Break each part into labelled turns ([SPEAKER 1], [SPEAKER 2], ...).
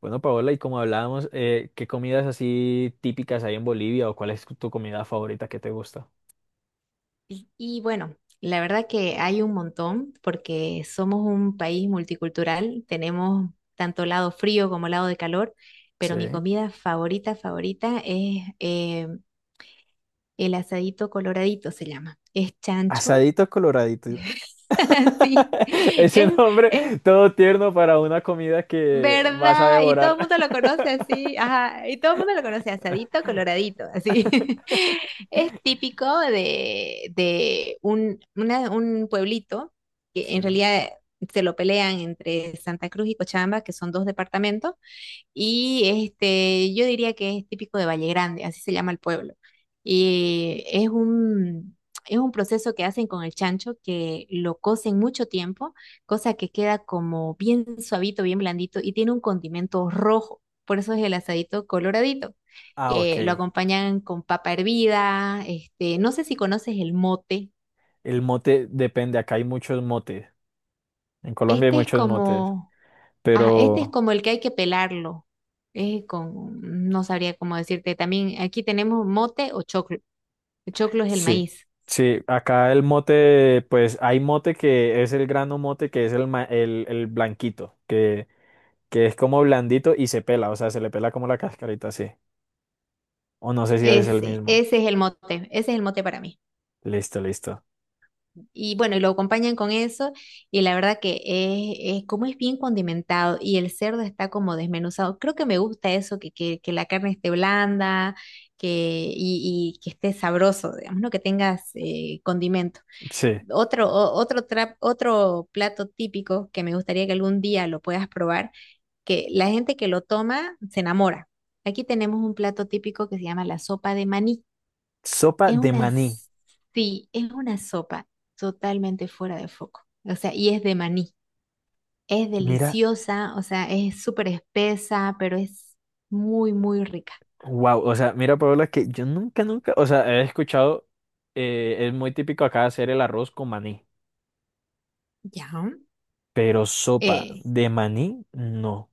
[SPEAKER 1] Bueno, Paola, y como hablábamos, ¿qué comidas así típicas hay en Bolivia o cuál es tu comida favorita que te gusta?
[SPEAKER 2] Y bueno, la verdad que hay un montón porque somos un país multicultural, tenemos tanto lado frío como lado de calor, pero mi
[SPEAKER 1] Sí.
[SPEAKER 2] comida favorita, favorita es el asadito coloradito, se llama. Es chancho,
[SPEAKER 1] Asadito coloradito.
[SPEAKER 2] sí,
[SPEAKER 1] Ese
[SPEAKER 2] es,
[SPEAKER 1] nombre
[SPEAKER 2] es.
[SPEAKER 1] todo tierno para una comida que vas a
[SPEAKER 2] ¿Verdad? Y todo
[SPEAKER 1] devorar.
[SPEAKER 2] el mundo lo conoce así, ajá, y todo el mundo lo conoce asadito, coloradito, así. Es típico de un pueblito que en
[SPEAKER 1] Sí.
[SPEAKER 2] realidad se lo pelean entre Santa Cruz y Cochabamba, que son dos departamentos, y este, yo diría que es típico de Valle Grande, así se llama el pueblo. Y es un, es un proceso que hacen con el chancho que lo cocen mucho tiempo, cosa que queda como bien suavito, bien blandito y tiene un condimento rojo. Por eso es el asadito coloradito.
[SPEAKER 1] Ah, ok.
[SPEAKER 2] Lo acompañan con papa hervida, este, no sé si conoces el mote.
[SPEAKER 1] El mote depende, acá hay muchos motes. En Colombia hay
[SPEAKER 2] Este es
[SPEAKER 1] muchos motes,
[SPEAKER 2] como. Ah, este es
[SPEAKER 1] pero
[SPEAKER 2] como el que hay que pelarlo. Es con, no sabría cómo decirte. También aquí tenemos mote o choclo. El choclo es el
[SPEAKER 1] sí.
[SPEAKER 2] maíz.
[SPEAKER 1] Sí, acá el mote, pues hay mote que es el grano mote, que es el blanquito, que es como blandito y se pela, o sea, se le pela como la cascarita así. O no sé si es el
[SPEAKER 2] Ese,
[SPEAKER 1] mismo.
[SPEAKER 2] ese es el mote, ese es el mote para mí.
[SPEAKER 1] Listo, listo.
[SPEAKER 2] Y bueno, y lo acompañan con eso, y la verdad que como es bien condimentado y el cerdo está como desmenuzado. Creo que me gusta eso, que la carne esté blanda, que, y que esté sabroso, digamos, ¿no? Que tengas condimento.
[SPEAKER 1] Sí.
[SPEAKER 2] Otro, o- otro, tra- Otro plato típico que me gustaría que algún día lo puedas probar, que la gente que lo toma se enamora. Aquí tenemos un plato típico que se llama la sopa de maní.
[SPEAKER 1] Sopa
[SPEAKER 2] Es
[SPEAKER 1] de
[SPEAKER 2] una,
[SPEAKER 1] maní.
[SPEAKER 2] s- sí, es una sopa totalmente fuera de foco. O sea, y es de maní. Es
[SPEAKER 1] Mira,
[SPEAKER 2] deliciosa, o sea, es súper espesa, pero es muy, muy rica.
[SPEAKER 1] wow, o sea, mira, Paola, que yo nunca, nunca, o sea, he escuchado, es muy típico acá hacer el arroz con maní,
[SPEAKER 2] Ya.
[SPEAKER 1] pero sopa de maní, no.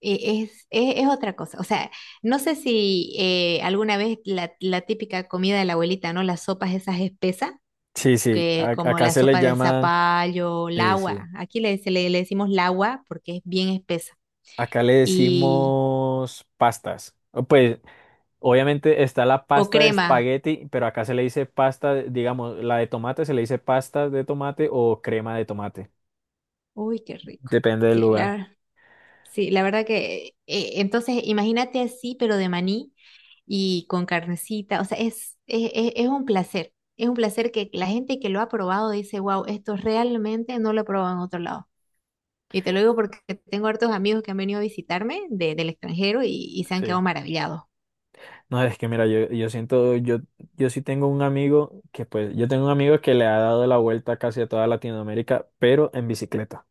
[SPEAKER 2] eh, Es, es otra cosa. O sea, no sé si alguna vez la típica comida de la abuelita, ¿no? Las sopas esas espesas,
[SPEAKER 1] Sí, sí,
[SPEAKER 2] que como
[SPEAKER 1] acá
[SPEAKER 2] la
[SPEAKER 1] se le
[SPEAKER 2] sopa de
[SPEAKER 1] llama,
[SPEAKER 2] zapallo, el
[SPEAKER 1] sí,
[SPEAKER 2] agua.
[SPEAKER 1] sí,
[SPEAKER 2] Aquí le decimos el agua porque es bien espesa.
[SPEAKER 1] acá le
[SPEAKER 2] Y,
[SPEAKER 1] decimos pastas. O, pues obviamente está la
[SPEAKER 2] o
[SPEAKER 1] pasta de
[SPEAKER 2] crema.
[SPEAKER 1] espagueti, pero acá se le dice pasta, digamos, la de tomate se le dice pasta de tomate o crema de tomate.
[SPEAKER 2] Uy, qué rico.
[SPEAKER 1] Depende del
[SPEAKER 2] Sí,
[SPEAKER 1] lugar.
[SPEAKER 2] la, sí, la verdad que, entonces imagínate así, pero de maní y con carnecita, o sea, es un placer que la gente que lo ha probado dice, wow, esto realmente no lo he probado en otro lado. Y te lo digo porque tengo hartos amigos que han venido a visitarme del extranjero y se han
[SPEAKER 1] Sí.
[SPEAKER 2] quedado maravillados.
[SPEAKER 1] No, es que mira, yo siento, yo tengo un amigo que le ha dado la vuelta casi a toda Latinoamérica, pero en bicicleta.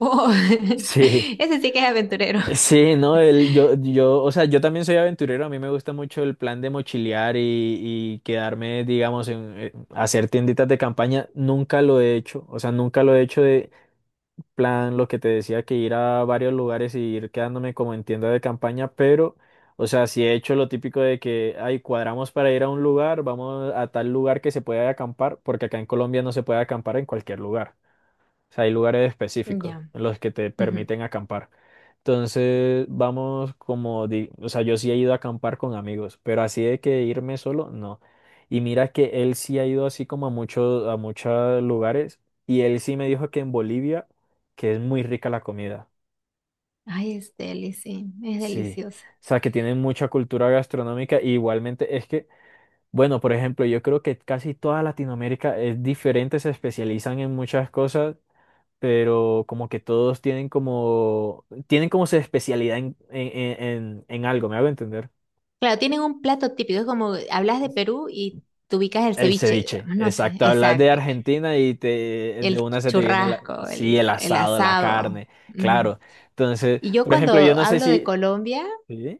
[SPEAKER 2] Oh,
[SPEAKER 1] Sí.
[SPEAKER 2] ese sí que es aventurero.
[SPEAKER 1] Sí, no, o sea, yo también soy aventurero, a mí me gusta mucho el plan de mochilear y quedarme, digamos, hacer tienditas de campaña, nunca lo he hecho, o sea, nunca lo he hecho de plan, lo que te decía, que ir a varios lugares y ir quedándome como en tienda de campaña, pero, o sea, sí he hecho lo típico de que, ay, cuadramos para ir a un lugar, vamos a tal lugar que se pueda acampar, porque acá en Colombia no se puede acampar en cualquier lugar, o sea, hay lugares específicos
[SPEAKER 2] Ya.
[SPEAKER 1] en los que te
[SPEAKER 2] Ujú.
[SPEAKER 1] permiten acampar. Entonces, vamos como, o sea, yo sí he ido a acampar con amigos, pero así de que irme solo, no. Y mira que él sí ha ido así como a muchos lugares, y él sí me dijo que en Bolivia, que es muy rica la comida.
[SPEAKER 2] Ay, es deli, sí, es
[SPEAKER 1] Sí.
[SPEAKER 2] deliciosa.
[SPEAKER 1] O sea, que tienen mucha cultura gastronómica, y igualmente es que, bueno, por ejemplo, yo creo que casi toda Latinoamérica es diferente, se especializan en muchas cosas, pero como que todos tienen como, su especialidad en algo, ¿me hago entender?
[SPEAKER 2] Claro, tienen un plato típico, es como hablas de Perú y te ubicas el
[SPEAKER 1] El
[SPEAKER 2] ceviche,
[SPEAKER 1] ceviche,
[SPEAKER 2] digamos, no sé,
[SPEAKER 1] exacto. Hablas de
[SPEAKER 2] exacto.
[SPEAKER 1] Argentina y de
[SPEAKER 2] El
[SPEAKER 1] una se te viene,
[SPEAKER 2] churrasco,
[SPEAKER 1] sí, el
[SPEAKER 2] el
[SPEAKER 1] asado, la
[SPEAKER 2] asado.
[SPEAKER 1] carne,
[SPEAKER 2] Ujú.
[SPEAKER 1] claro. Entonces,
[SPEAKER 2] Y yo
[SPEAKER 1] por
[SPEAKER 2] cuando
[SPEAKER 1] ejemplo, yo no sé
[SPEAKER 2] hablo de
[SPEAKER 1] si.
[SPEAKER 2] Colombia,
[SPEAKER 1] ¿Sí?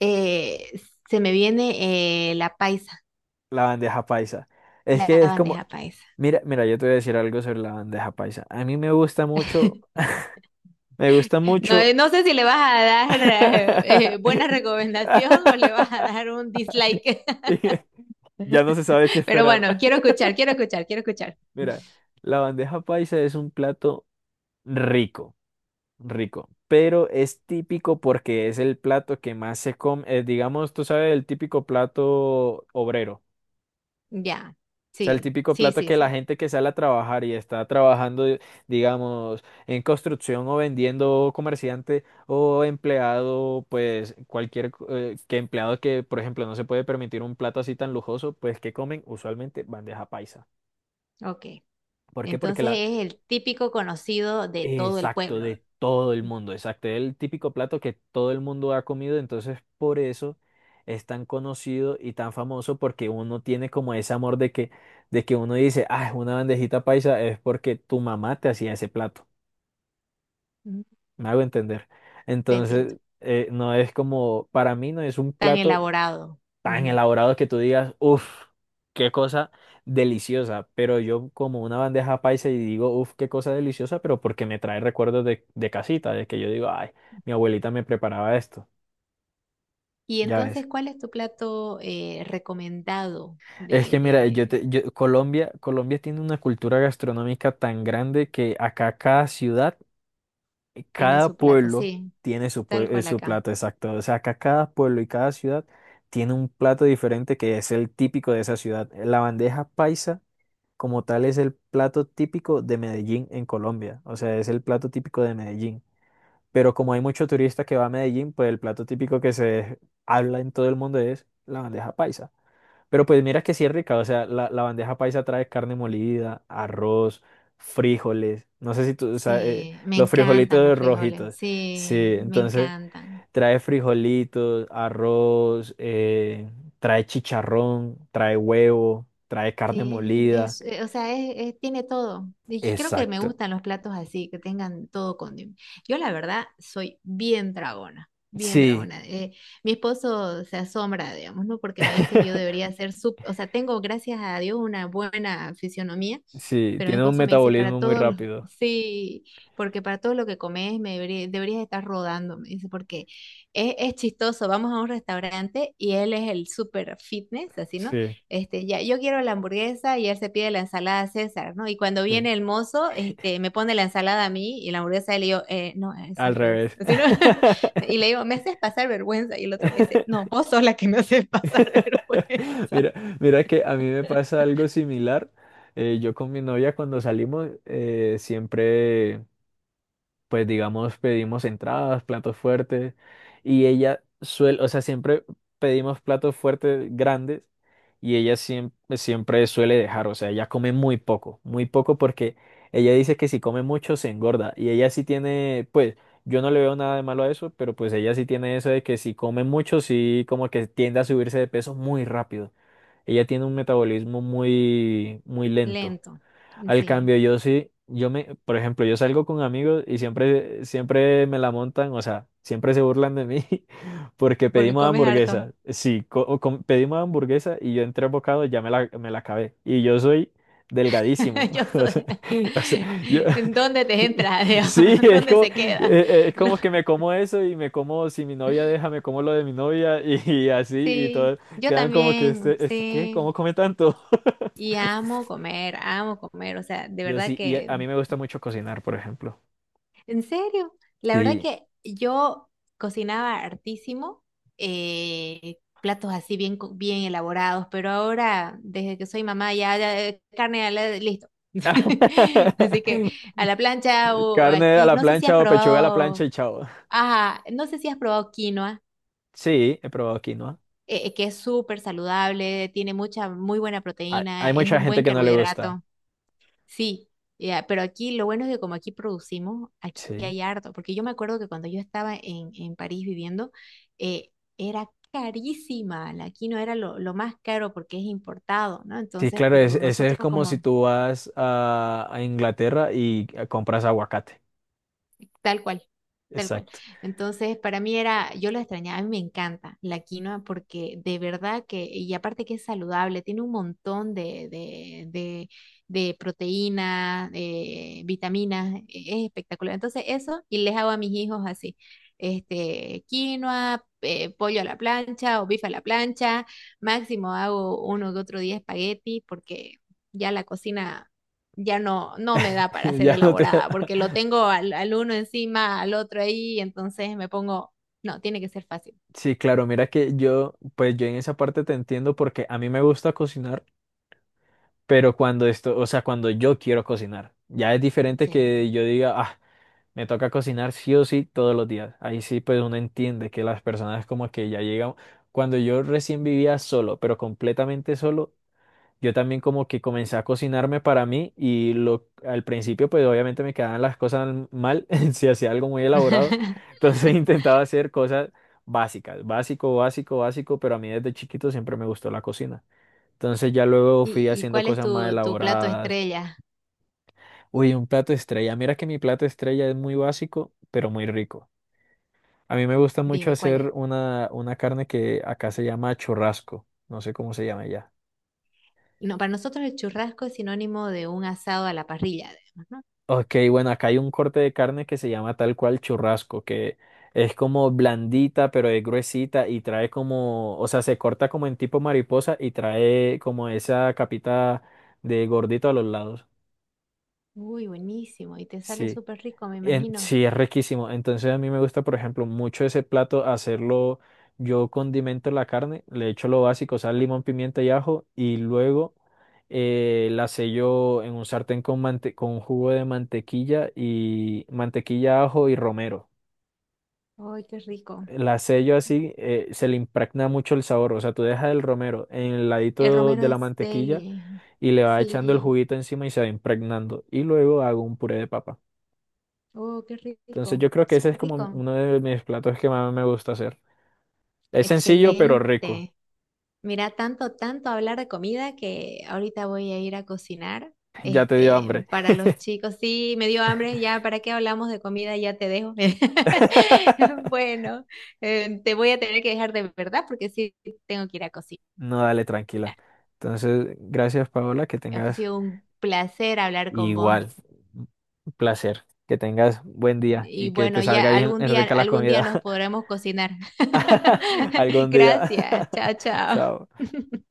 [SPEAKER 2] eh, se me viene la paisa,
[SPEAKER 1] La bandeja paisa. Es
[SPEAKER 2] la
[SPEAKER 1] que es como.
[SPEAKER 2] bandeja paisa.
[SPEAKER 1] Mira, mira, yo te voy a decir algo sobre la bandeja paisa. A mí me gusta mucho, me gusta
[SPEAKER 2] No,
[SPEAKER 1] mucho.
[SPEAKER 2] no sé si le vas a dar buena recomendación o le vas a dar un dislike,
[SPEAKER 1] Ya no se sabe qué
[SPEAKER 2] pero
[SPEAKER 1] esperar.
[SPEAKER 2] bueno, quiero escuchar, quiero escuchar, quiero escuchar.
[SPEAKER 1] Mira, la bandeja paisa es un plato rico, rico, pero es típico porque es el plato que más se come, digamos, tú sabes, el típico plato obrero.
[SPEAKER 2] Ya,
[SPEAKER 1] O sea, el
[SPEAKER 2] sí,
[SPEAKER 1] típico
[SPEAKER 2] sí,
[SPEAKER 1] plato
[SPEAKER 2] sí,
[SPEAKER 1] que la
[SPEAKER 2] sí.
[SPEAKER 1] gente que sale a trabajar y está trabajando, digamos, en construcción o vendiendo comerciante o empleado, pues cualquier que empleado que, por ejemplo, no se puede permitir un plato así tan lujoso, pues que comen usualmente bandeja paisa.
[SPEAKER 2] Ok.
[SPEAKER 1] ¿Por qué? Porque
[SPEAKER 2] Entonces
[SPEAKER 1] la,
[SPEAKER 2] es el típico conocido de todo el
[SPEAKER 1] exacto,
[SPEAKER 2] pueblo.
[SPEAKER 1] de todo el
[SPEAKER 2] Mm.
[SPEAKER 1] mundo, exacto, es el típico plato que todo el mundo ha comido, entonces por eso es tan conocido y tan famoso porque uno tiene como ese amor de que, uno dice, ah, una bandejita paisa es porque tu mamá te hacía ese plato,
[SPEAKER 2] Ujú.
[SPEAKER 1] me hago entender.
[SPEAKER 2] Te entiendo.
[SPEAKER 1] Entonces, no es como, para mí no es un
[SPEAKER 2] Tan
[SPEAKER 1] plato
[SPEAKER 2] elaborado.
[SPEAKER 1] tan
[SPEAKER 2] Ujú.
[SPEAKER 1] elaborados que tú digas, uff, qué cosa deliciosa. Pero yo como una bandeja paisa y digo, uff, qué cosa deliciosa, pero porque me trae recuerdos de casita, de que yo digo, ay, mi abuelita me preparaba esto.
[SPEAKER 2] Y
[SPEAKER 1] Ya ves.
[SPEAKER 2] entonces, ¿cuál es tu plato recomendado
[SPEAKER 1] Es que mira,
[SPEAKER 2] de...
[SPEAKER 1] Colombia tiene una cultura gastronómica tan grande que acá cada ciudad,
[SPEAKER 2] Tiene
[SPEAKER 1] cada
[SPEAKER 2] su plato,
[SPEAKER 1] pueblo
[SPEAKER 2] sí,
[SPEAKER 1] tiene su, pue-
[SPEAKER 2] tal
[SPEAKER 1] eh,
[SPEAKER 2] cual
[SPEAKER 1] su
[SPEAKER 2] acá.
[SPEAKER 1] plato exacto. O sea, acá cada pueblo y cada ciudad tiene un plato diferente que es el típico de esa ciudad. La bandeja paisa como tal es el plato típico de Medellín en Colombia, o sea, es el plato típico de Medellín. Pero como hay mucho turista que va a Medellín, pues el plato típico que se habla en todo el mundo es la bandeja paisa. Pero pues mira que sí es rica, o sea, la bandeja paisa trae carne molida, arroz, frijoles, no sé si tú, o sea,
[SPEAKER 2] Sí, me
[SPEAKER 1] los
[SPEAKER 2] encantan
[SPEAKER 1] frijolitos
[SPEAKER 2] los frijoles,
[SPEAKER 1] rojitos, sí,
[SPEAKER 2] sí, me
[SPEAKER 1] entonces
[SPEAKER 2] encantan.
[SPEAKER 1] trae frijolitos, arroz, trae chicharrón, trae huevo, trae carne
[SPEAKER 2] Sí,
[SPEAKER 1] molida.
[SPEAKER 2] o sea, tiene todo. Y creo que me
[SPEAKER 1] Exacto.
[SPEAKER 2] gustan los platos así, que tengan todo condimento. Yo la verdad soy bien tragona, bien
[SPEAKER 1] Sí,
[SPEAKER 2] tragona. Mi esposo se asombra, digamos, ¿no? Porque me dice que yo debería ser sup, o sea, tengo, gracias a Dios, una buena fisionomía,
[SPEAKER 1] sí,
[SPEAKER 2] pero mi
[SPEAKER 1] tiene un
[SPEAKER 2] esposo me dice, para
[SPEAKER 1] metabolismo muy
[SPEAKER 2] todos los,
[SPEAKER 1] rápido.
[SPEAKER 2] sí, porque para todo lo que comes me deberías estar rodando, me dice, porque es chistoso. Vamos a un restaurante y él es el super fitness, así, ¿no?
[SPEAKER 1] Sí,
[SPEAKER 2] Este, ya, yo quiero la hamburguesa y él se pide la ensalada César, ¿no? Y cuando
[SPEAKER 1] sí,
[SPEAKER 2] viene el mozo, este, me pone la ensalada a mí y la hamburguesa a él y yo, no, es
[SPEAKER 1] al
[SPEAKER 2] al revés.
[SPEAKER 1] revés.
[SPEAKER 2] Así, ¿no? Y le digo, me haces pasar vergüenza. Y el otro me dice, no, vos sos la que me haces pasar vergüenza.
[SPEAKER 1] Mira, mira que a mí me pasa algo similar. Yo con mi novia cuando salimos siempre. Pues digamos, pedimos entradas, platos fuertes, y ella suele, o sea, siempre pedimos platos fuertes grandes y ella siempre, siempre suele dejar, o sea, ella come muy poco porque ella dice que si come mucho se engorda y ella sí tiene, pues, yo no le veo nada de malo a eso, pero pues ella sí tiene eso de que si come mucho, sí como que tiende a subirse de peso muy rápido. Ella tiene un metabolismo muy, muy lento.
[SPEAKER 2] Lento,
[SPEAKER 1] Al
[SPEAKER 2] sí,
[SPEAKER 1] cambio, yo sí, yo me, por ejemplo, yo salgo con amigos y siempre, siempre me la montan, o sea, siempre se burlan de mí porque
[SPEAKER 2] porque
[SPEAKER 1] pedimos
[SPEAKER 2] comes harto.
[SPEAKER 1] hamburguesa. Sí, pedimos hamburguesa y yo en tres bocados ya me la acabé. Y yo soy delgadísimo.
[SPEAKER 2] Yo
[SPEAKER 1] O sea,
[SPEAKER 2] soy...
[SPEAKER 1] o sea, yo,
[SPEAKER 2] ¿En dónde te entra? ¿Dios?
[SPEAKER 1] sí,
[SPEAKER 2] ¿Dónde se queda?
[SPEAKER 1] es
[SPEAKER 2] Lo-
[SPEAKER 1] como que me como eso y me como, si mi novia deja, me como lo de mi novia y así y
[SPEAKER 2] sí,
[SPEAKER 1] todo.
[SPEAKER 2] yo
[SPEAKER 1] Quedan como que,
[SPEAKER 2] también,
[SPEAKER 1] ¿qué? ¿Cómo
[SPEAKER 2] sí.
[SPEAKER 1] come tanto?
[SPEAKER 2] Y amo comer, amo comer. O sea, de
[SPEAKER 1] Yo
[SPEAKER 2] verdad
[SPEAKER 1] sí, y a
[SPEAKER 2] que
[SPEAKER 1] a mí me gusta mucho cocinar, por ejemplo.
[SPEAKER 2] ¿en serio? La verdad
[SPEAKER 1] Sí,
[SPEAKER 2] que yo cocinaba hartísimo, platos así bien, bien elaborados, pero ahora, desde que soy mamá, ya, ya, carne, a la- listo. Así que a la plancha o
[SPEAKER 1] carne a
[SPEAKER 2] aquí,
[SPEAKER 1] la
[SPEAKER 2] no sé si has
[SPEAKER 1] plancha o pechuga a la plancha
[SPEAKER 2] probado,
[SPEAKER 1] y chao.
[SPEAKER 2] ajá, no sé si has probado quinoa,
[SPEAKER 1] Sí, he probado quinoa.
[SPEAKER 2] que es súper saludable, tiene mucha, muy buena
[SPEAKER 1] Hay
[SPEAKER 2] proteína, es
[SPEAKER 1] mucha
[SPEAKER 2] un
[SPEAKER 1] gente
[SPEAKER 2] buen
[SPEAKER 1] que no le gusta.
[SPEAKER 2] carbohidrato. Sí, ya, pero aquí lo bueno es que como aquí producimos, aquí
[SPEAKER 1] Sí.
[SPEAKER 2] hay harto, porque yo me acuerdo que cuando yo estaba en París viviendo, eh, era carísima, la quinoa era lo más caro porque es importado, ¿no?
[SPEAKER 1] Sí,
[SPEAKER 2] Entonces,
[SPEAKER 1] claro,
[SPEAKER 2] pero
[SPEAKER 1] eso es
[SPEAKER 2] nosotros
[SPEAKER 1] como si
[SPEAKER 2] como
[SPEAKER 1] tú vas a Inglaterra y compras aguacate.
[SPEAKER 2] tal cual, tal cual.
[SPEAKER 1] Exacto.
[SPEAKER 2] Entonces, para mí era, yo lo extrañaba, a mí me encanta la quinoa porque de verdad que, y aparte que es saludable, tiene un montón de proteínas, vitaminas, e- es espectacular. Entonces, eso, y les hago a mis hijos así, este, quinoa, pollo a la plancha o bife a la plancha, máximo hago uno que otro día espagueti porque ya la cocina ya no, no me da para ser
[SPEAKER 1] Ya no te.
[SPEAKER 2] elaborada, porque lo tengo al uno encima, al otro ahí, entonces me pongo, no, tiene que ser fácil.
[SPEAKER 1] Sí, claro, mira que yo, pues yo en esa parte te entiendo porque a mí me gusta cocinar, pero cuando esto, o sea, cuando yo quiero cocinar, ya es diferente que
[SPEAKER 2] Sí.
[SPEAKER 1] yo diga, ah, me toca cocinar sí o sí todos los días. Ahí sí, pues uno entiende que las personas como que ya llegan. Cuando yo recién vivía solo, pero completamente solo, yo también como que comencé a cocinarme para mí y lo, al principio pues obviamente me quedaban las cosas mal si hacía algo muy elaborado. Entonces intentaba hacer cosas básicas, básico, básico, básico, pero a mí desde chiquito siempre me gustó la cocina. Entonces ya luego fui
[SPEAKER 2] ¿Y, y
[SPEAKER 1] haciendo
[SPEAKER 2] cuál es
[SPEAKER 1] cosas más
[SPEAKER 2] tu, tu plato
[SPEAKER 1] elaboradas.
[SPEAKER 2] estrella?
[SPEAKER 1] Uy, un plato estrella. Mira que mi plato estrella es muy básico, pero muy rico. A mí me gusta mucho
[SPEAKER 2] Dime, ¿cuál
[SPEAKER 1] hacer
[SPEAKER 2] es?
[SPEAKER 1] una carne que acá se llama churrasco. No sé cómo se llama ya.
[SPEAKER 2] No, para nosotros el churrasco es sinónimo de un asado a la parrilla, digamos, ¿no?
[SPEAKER 1] Ok, bueno, acá hay un corte de carne que se llama tal cual churrasco, que es como blandita, pero es gruesita y trae como, o sea, se corta como en tipo mariposa y trae como esa capita de gordito a los lados.
[SPEAKER 2] Uy, buenísimo, y te sale
[SPEAKER 1] Sí.
[SPEAKER 2] súper rico, me imagino.
[SPEAKER 1] Sí, es riquísimo. Entonces a mí me gusta, por ejemplo, mucho ese plato hacerlo. Yo condimento la carne, le echo lo básico, sal, limón, pimienta y ajo, y luego la sello en un sartén con jugo de mantequilla y mantequilla, ajo y romero.
[SPEAKER 2] Uy, qué rico.
[SPEAKER 1] La sello así, se le impregna mucho el sabor. O sea, tú dejas el romero en el
[SPEAKER 2] El
[SPEAKER 1] ladito
[SPEAKER 2] romero
[SPEAKER 1] de
[SPEAKER 2] de
[SPEAKER 1] la mantequilla
[SPEAKER 2] Steli.
[SPEAKER 1] y le vas echando el
[SPEAKER 2] Sí.
[SPEAKER 1] juguito encima y se va impregnando. Y luego hago un puré de papa.
[SPEAKER 2] Oh, qué
[SPEAKER 1] Entonces
[SPEAKER 2] rico.
[SPEAKER 1] yo creo que ese es
[SPEAKER 2] Súper
[SPEAKER 1] como
[SPEAKER 2] rico.
[SPEAKER 1] uno de mis platos que más me gusta hacer. Es sencillo pero rico.
[SPEAKER 2] Excelente. Mira, tanto, tanto hablar de comida que ahorita voy a ir a cocinar.
[SPEAKER 1] Ya te dio
[SPEAKER 2] Este,
[SPEAKER 1] hambre.
[SPEAKER 2] para los chicos, sí, me dio hambre, ya, ¿para qué hablamos de comida? Ya te dejo. Bueno, te voy a tener que dejar de verdad porque sí tengo que ir a cocinar.
[SPEAKER 1] No, dale, tranquila. Entonces, gracias Paola, que
[SPEAKER 2] Ha
[SPEAKER 1] tengas
[SPEAKER 2] sido un placer hablar con vos.
[SPEAKER 1] igual un placer, que tengas buen día
[SPEAKER 2] Y
[SPEAKER 1] y que te
[SPEAKER 2] bueno,
[SPEAKER 1] salga
[SPEAKER 2] ya
[SPEAKER 1] bien rica la
[SPEAKER 2] algún día
[SPEAKER 1] comida
[SPEAKER 2] nos podremos cocinar.
[SPEAKER 1] algún día.
[SPEAKER 2] Gracias. Chao, chao.
[SPEAKER 1] Chao.